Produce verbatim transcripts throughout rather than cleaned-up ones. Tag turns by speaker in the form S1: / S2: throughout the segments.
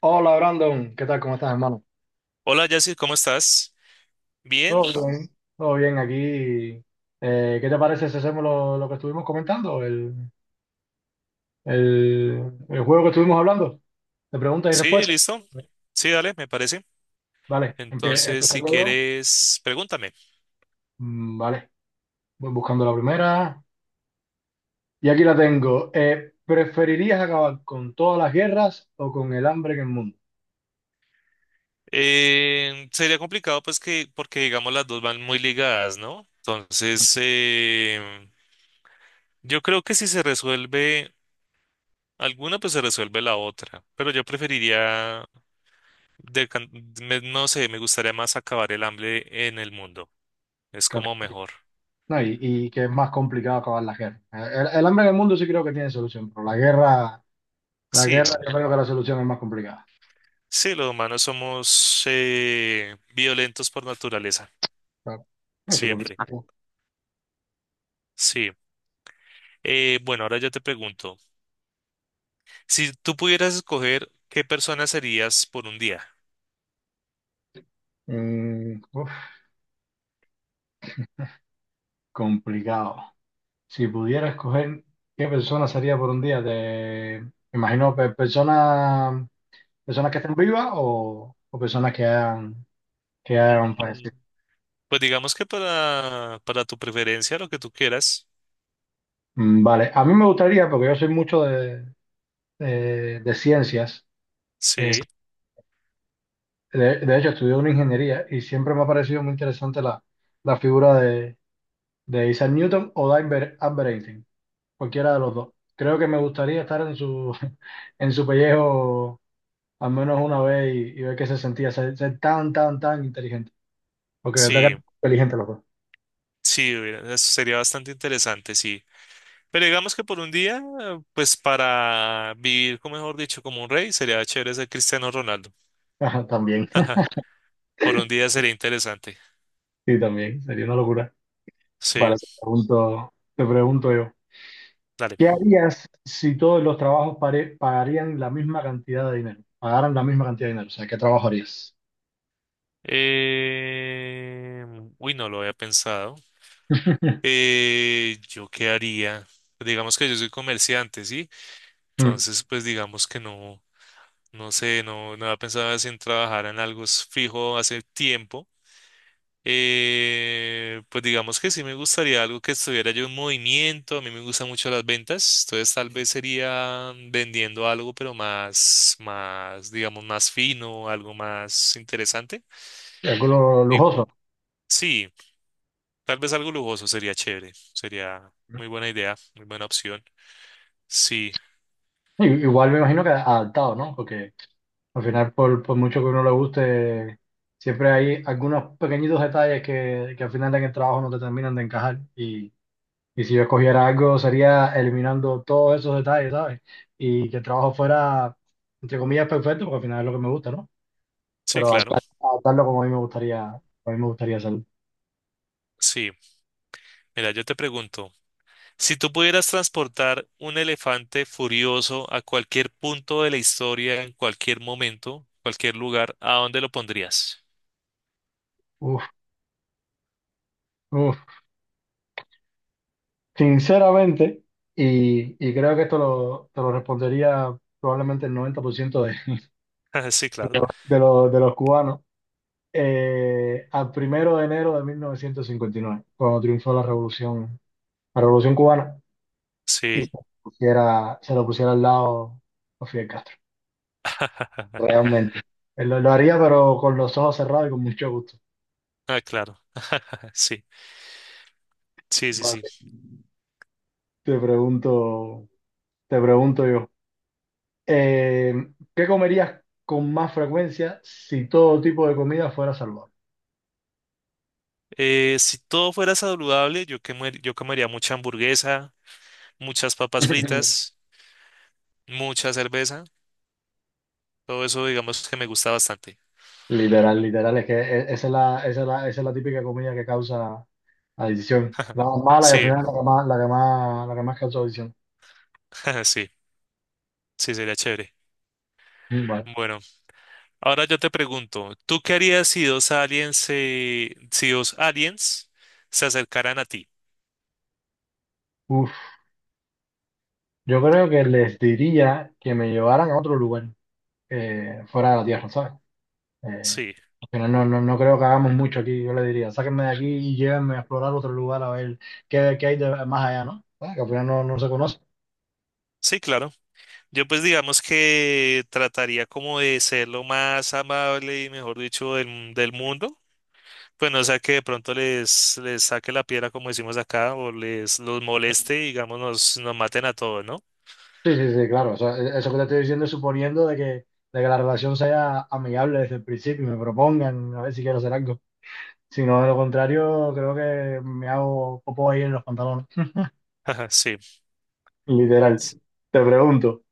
S1: Hola Brandon, ¿qué tal? ¿Cómo estás, hermano?
S2: Hola, Jessy, ¿cómo estás?
S1: Todo
S2: Bien,
S1: bien. Todo bien aquí. Eh, ¿qué te parece si hacemos lo, lo que estuvimos comentando? El, el, el juego que estuvimos hablando de preguntas y
S2: sí,
S1: respuestas.
S2: listo. Sí, dale, me parece.
S1: Vale, empie-
S2: Entonces,
S1: empezaré
S2: si
S1: yo.
S2: quieres, pregúntame.
S1: Mm, vale, voy buscando la primera. Y aquí la tengo. Eh, ¿preferirías acabar con todas las guerras o con el hambre en el mundo?
S2: Eh, sería complicado, pues, que, porque digamos las dos van muy ligadas, ¿no? Entonces, eh, yo creo que si se resuelve alguna, pues se resuelve la otra. Pero yo preferiría, de can- me- no sé, me gustaría más acabar el hambre en el mundo. Es
S1: Claro.
S2: como mejor.
S1: No, y, y que es más complicado acabar las guerras. El, el hambre en el mundo sí creo que tiene solución, pero la guerra, la
S2: Sí,
S1: guerra
S2: no.
S1: yo creo que la solución es más complicada.
S2: Sí, los humanos somos eh, violentos por naturaleza.
S1: Claro. No, yo por mi
S2: Siempre,
S1: ah, tiempo.
S2: sí. Eh, bueno, ahora yo te pregunto, si tú pudieras escoger qué persona serías por un día.
S1: Mm, uf, complicado. Si pudiera escoger qué persona sería por un día, te me imagino pe- personas personas que estén vivas o, o personas que hayan, que hayan
S2: Mm,
S1: fallecido.
S2: pues digamos que para, para tu preferencia, lo que tú quieras,
S1: Mm, vale, a mí me gustaría, porque yo soy mucho de, de- de ciencias, eh,
S2: sí,
S1: de, de hecho estudié una ingeniería y siempre me ha parecido muy interesante la, la figura de, de Isaac Newton o de Albert Albert Einstein. Cualquiera de los dos. Creo que me gustaría estar en su, en su pellejo al menos una vez y, y ver qué se sentía ser, ser tan, tan, tan inteligente. Porque de verdad
S2: sí,
S1: que inteligente los dos.
S2: sí, hubiera- eso sería bastante interesante, sí. Pero digamos que por un día, pues para vivir, como mejor dicho, como un rey, sería chévere ser Cristiano Ronaldo.
S1: También,
S2: Por un día sería interesante.
S1: sí, también, sería una locura.
S2: Sí,
S1: Vale, te pregunto, te pregunto yo,
S2: dale.
S1: ¿qué harías si todos los trabajos pare- pagarían la misma cantidad de dinero? Pagaran la misma cantidad de dinero, o sea, ¿qué trabajo harías?
S2: Eh, Uy, no lo había pensado. Eh, ¿yo qué haría? Digamos que yo soy comerciante, ¿sí?
S1: Mm,
S2: Entonces, pues digamos que no, no sé, no, no pensaba en trabajar en algo s- fijo hace tiempo. Eh, pues digamos que sí me gustaría algo que estuviera yo en movimiento. A mí me gustan mucho las ventas, entonces tal vez sería vendiendo algo, pero más, más, digamos, más fino, algo más interesante.
S1: Alguno
S2: Digo,
S1: lujoso.
S2: sí, tal vez algo lujoso sería chévere, sería
S1: ¿No?
S2: muy buena idea, muy buena opción. Sí.
S1: I- Igual me imagino que adaptado, ¿no? Porque al final, por, por mucho que uno le guste, siempre hay algunos pequeñitos detalles que, que al final en el trabajo no te terminan de encajar. Y, y si yo escogiera algo, sería eliminando todos esos detalles, ¿sabes? Y que el trabajo fuera, entre comillas, perfecto, porque al final es lo que me gusta, ¿no?
S2: Sí,
S1: Pero
S2: claro.
S1: adaptar- adaptarlo como a mí me gustaría, a mí me gustaría hacerlo.
S2: Sí. Mira, yo te pregunto, si tú pudieras transportar un elefante furioso a cualquier punto de la historia, en cualquier momento, cualquier lugar, ¿a dónde lo pondrías?
S1: Uf, uf. Sinceramente, y, y creo que esto lo, te lo respondería probablemente el noventa por ciento de,
S2: Sí, claro.
S1: de los, de los cubanos. eh, al primero de enero de mil novecientos cincuenta y nueve, cuando triunfó la revolución, la revolución cubana y se,
S2: Sí.
S1: lo pusiera, se lo pusiera al lado a Fidel Castro. Realmente. Eh, Lo, lo haría, pero con los ojos cerrados y con mucho gusto.
S2: Ah, claro. Sí, sí, sí,
S1: Vale.
S2: sí.
S1: Te pregunto, te pregunto yo, eh, ¿qué comerías con más frecuencia si todo tipo de comida fuera saludable?
S2: Eh, si todo fuera saludable, yo, quemar- yo comería mucha hamburguesa, muchas papas fritas, mucha cerveza, todo eso digamos que me gusta bastante.
S1: Literal, literal, es que e- esa es la, esa es la, esa es la típica comida que causa adicción. La más mala y al
S2: Sí,
S1: final la que más, la que más, la que más causa adicción.
S2: sí, sí, sería chévere.
S1: Mm, vale.
S2: Bueno, ahora yo te pregunto, ¿tú qué harías si dos aliens se, si dos aliens se acercaran a ti?
S1: Uf, yo creo que les diría que me llevaran a otro lugar eh, fuera de la Tierra, ¿sabes? Eh,
S2: Sí,
S1: Al final no, no, no creo que hagamos mucho aquí, yo le diría, sáquenme de aquí y llévenme a explorar otro lugar a ver qué, qué hay de- más allá, ¿no? Ah, que al final no, no se conoce.
S2: sí, claro. Yo pues digamos que trataría como de ser lo más amable y mejor dicho del, del mundo. Pues no sea que de pronto les, les saque la piedra como decimos acá o les los moleste y digamos nos, nos maten a todos, ¿no?
S1: Sí, sí, sí, claro. O sea, e- eso que te estoy diciendo es suponiendo de que, de que la relación sea amigable desde el principio y me propongan a ver si quiero hacer algo. Si no, de lo contrario, creo que me hago popo ahí en los pantalones.
S2: Ajá, sí.
S1: Literal. Te pregunto,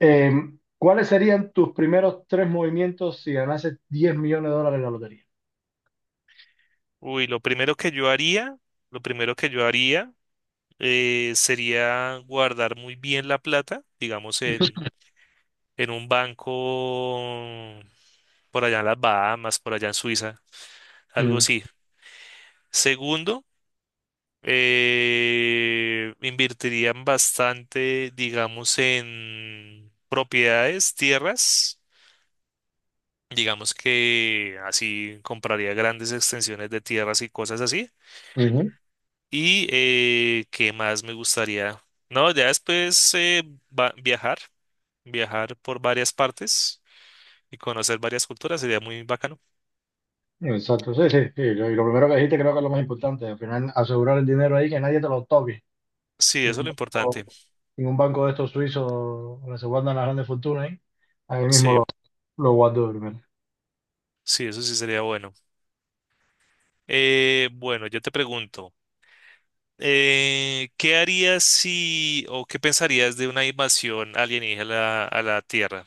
S1: eh, ¿cuáles serían tus primeros tres movimientos si ganases diez millones de dólares en la lotería?
S2: Uy, lo primero que yo haría, lo primero que yo haría eh, sería guardar muy bien la plata, digamos en, en un banco por allá en las Bahamas, por allá en Suiza, algo
S1: Mm,
S2: así. Segundo, eh, invertirían bastante, digamos, en propiedades, tierras. Digamos que así compraría grandes extensiones de tierras y cosas así.
S1: ujú.
S2: Y eh, qué más me gustaría. No, ya después eh, va- viajar, viajar por varias partes y conocer varias culturas sería muy bacano.
S1: Exacto, sí, sí, sí. Lo- Y lo primero que dijiste creo que es lo más importante. Al final, asegurar el dinero ahí, que nadie te lo toque.
S2: Sí, eso es
S1: Ningún
S2: lo
S1: banco,
S2: importante.
S1: ningún banco de estos suizos donde se guardan las grandes fortunas, ¿eh? Ahí mismo
S2: Sí,
S1: lo, lo guardo de primero.
S2: sí, eso sí sería bueno. Eh, bueno, yo te pregunto, eh, ¿qué harías si o qué pensarías de una invasión alienígena a la, a la Tierra?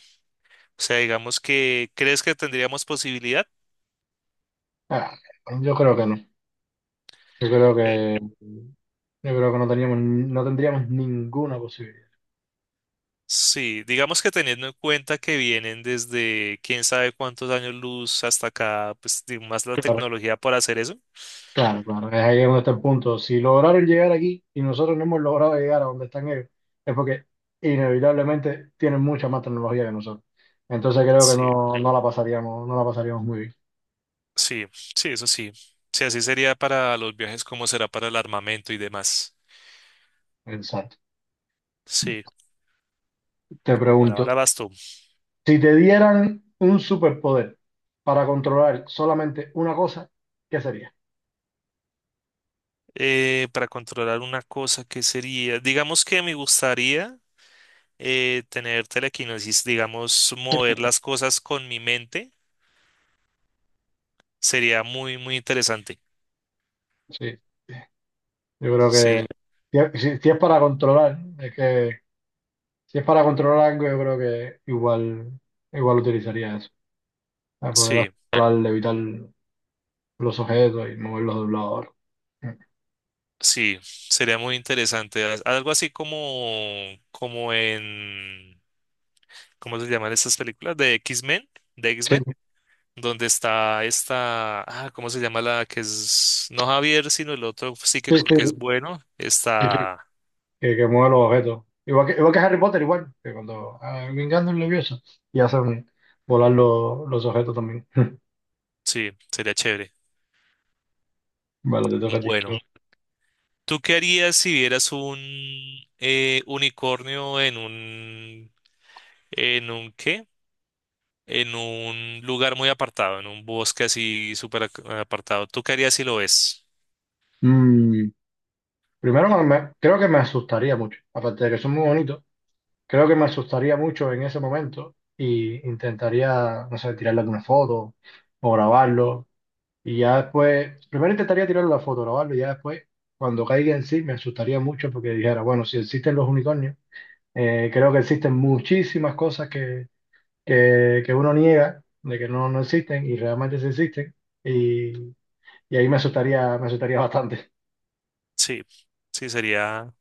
S2: O sea, digamos que, ¿crees que tendríamos posibilidad?
S1: Ah, yo creo que no. Yo creo que, yo creo que no teníamos, no tendríamos ninguna posibilidad.
S2: Sí, digamos que teniendo en cuenta que vienen desde quién sabe cuántos años luz hasta acá, pues di- más la
S1: Claro,
S2: tecnología para hacer eso.
S1: claro, claro. Es ahí donde está el punto. Si lograron llegar aquí y nosotros no hemos logrado llegar a donde están ellos, es porque inevitablemente tienen mucha más tecnología que nosotros. Entonces creo que
S2: Sí,
S1: no, no la pasaríamos, no la pasaríamos muy bien.
S2: sí, sí, eso sí. Sí, así sería para los viajes, como será para el armamento y demás.
S1: Exacto.
S2: Sí,
S1: Te
S2: bueno,
S1: pregunto,
S2: ahora vas tú.
S1: si te dieran un superpoder para controlar solamente una cosa, ¿qué sería?
S2: Eh, para controlar una cosa que sería, digamos que me gustaría eh, tener telequinesis, digamos, mover las cosas con mi mente. Sería muy, muy interesante.
S1: Sí, sí. Yo creo
S2: Sí,
S1: que si, si- si es para controlar, es que si es para controlar algo, yo creo que igual, igual utilizaría eso, para poder
S2: sí,
S1: controlar, evitar los objetos y moverlos de un lado a otro.
S2: sí, sería muy interesante. Al- Algo así como, como en, ¿cómo se llaman estas películas? De X-Men, de
S1: Sí,
S2: X-Men, donde está esta, ah, ¿cómo se llama la que es, no Javier, sino el otro
S1: sí,
S2: psíquico que es
S1: sí,
S2: bueno?
S1: sí, sí.
S2: Está,
S1: Que, que mueve los objetos. Igual que, igual que Harry Potter, igual, que cuando ah, vengando un levioso y hacen volar los los objetos también.
S2: sí, sería chévere.
S1: Vale, te toca a ti.
S2: Bueno, ¿tú qué harías si vieras un eh, unicornio en un, en un qué? En un lugar muy apartado, en un bosque así súper ac- apartado. ¿Tú qué harías si lo ves?
S1: Mm, Primero, me- me- creo que me asustaría mucho. Aparte de que son muy bonitos, creo que me asustaría mucho en ese momento y intentaría, no sé, tirarle alguna foto o grabarlo. Y ya después, primero intentaría tirarle la foto, grabarlo, y ya después, cuando caiga en sí, me asustaría mucho porque dijera, bueno, si existen los unicornios, eh, creo que existen muchísimas cosas que, que, que uno niega de que no, no existen y realmente sí existen. Y, y ahí me asustaría, me asustaría bastante.
S2: Sí, sí, sería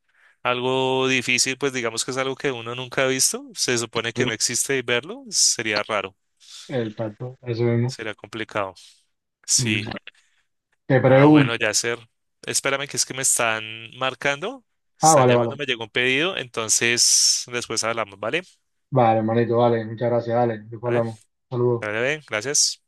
S2: algo difícil, pues digamos que es algo que uno nunca ha visto. Se supone que no existe y verlo sería raro,
S1: El tanto, eso mismo.
S2: sería complicado.
S1: Mm,
S2: Sí.
S1: Te
S2: Ah, bueno,
S1: pregunto.
S2: Yacer. Espérame, que es que me están marcando,
S1: Ah,
S2: están
S1: vale,
S2: llamando,
S1: vale.
S2: me llegó un pedido, entonces después hablamos, ¿vale?
S1: Vale, hermanito, vale. Muchas gracias, dale. Después
S2: Vale,
S1: hablamos. Saludos.
S2: vale, vale, gracias.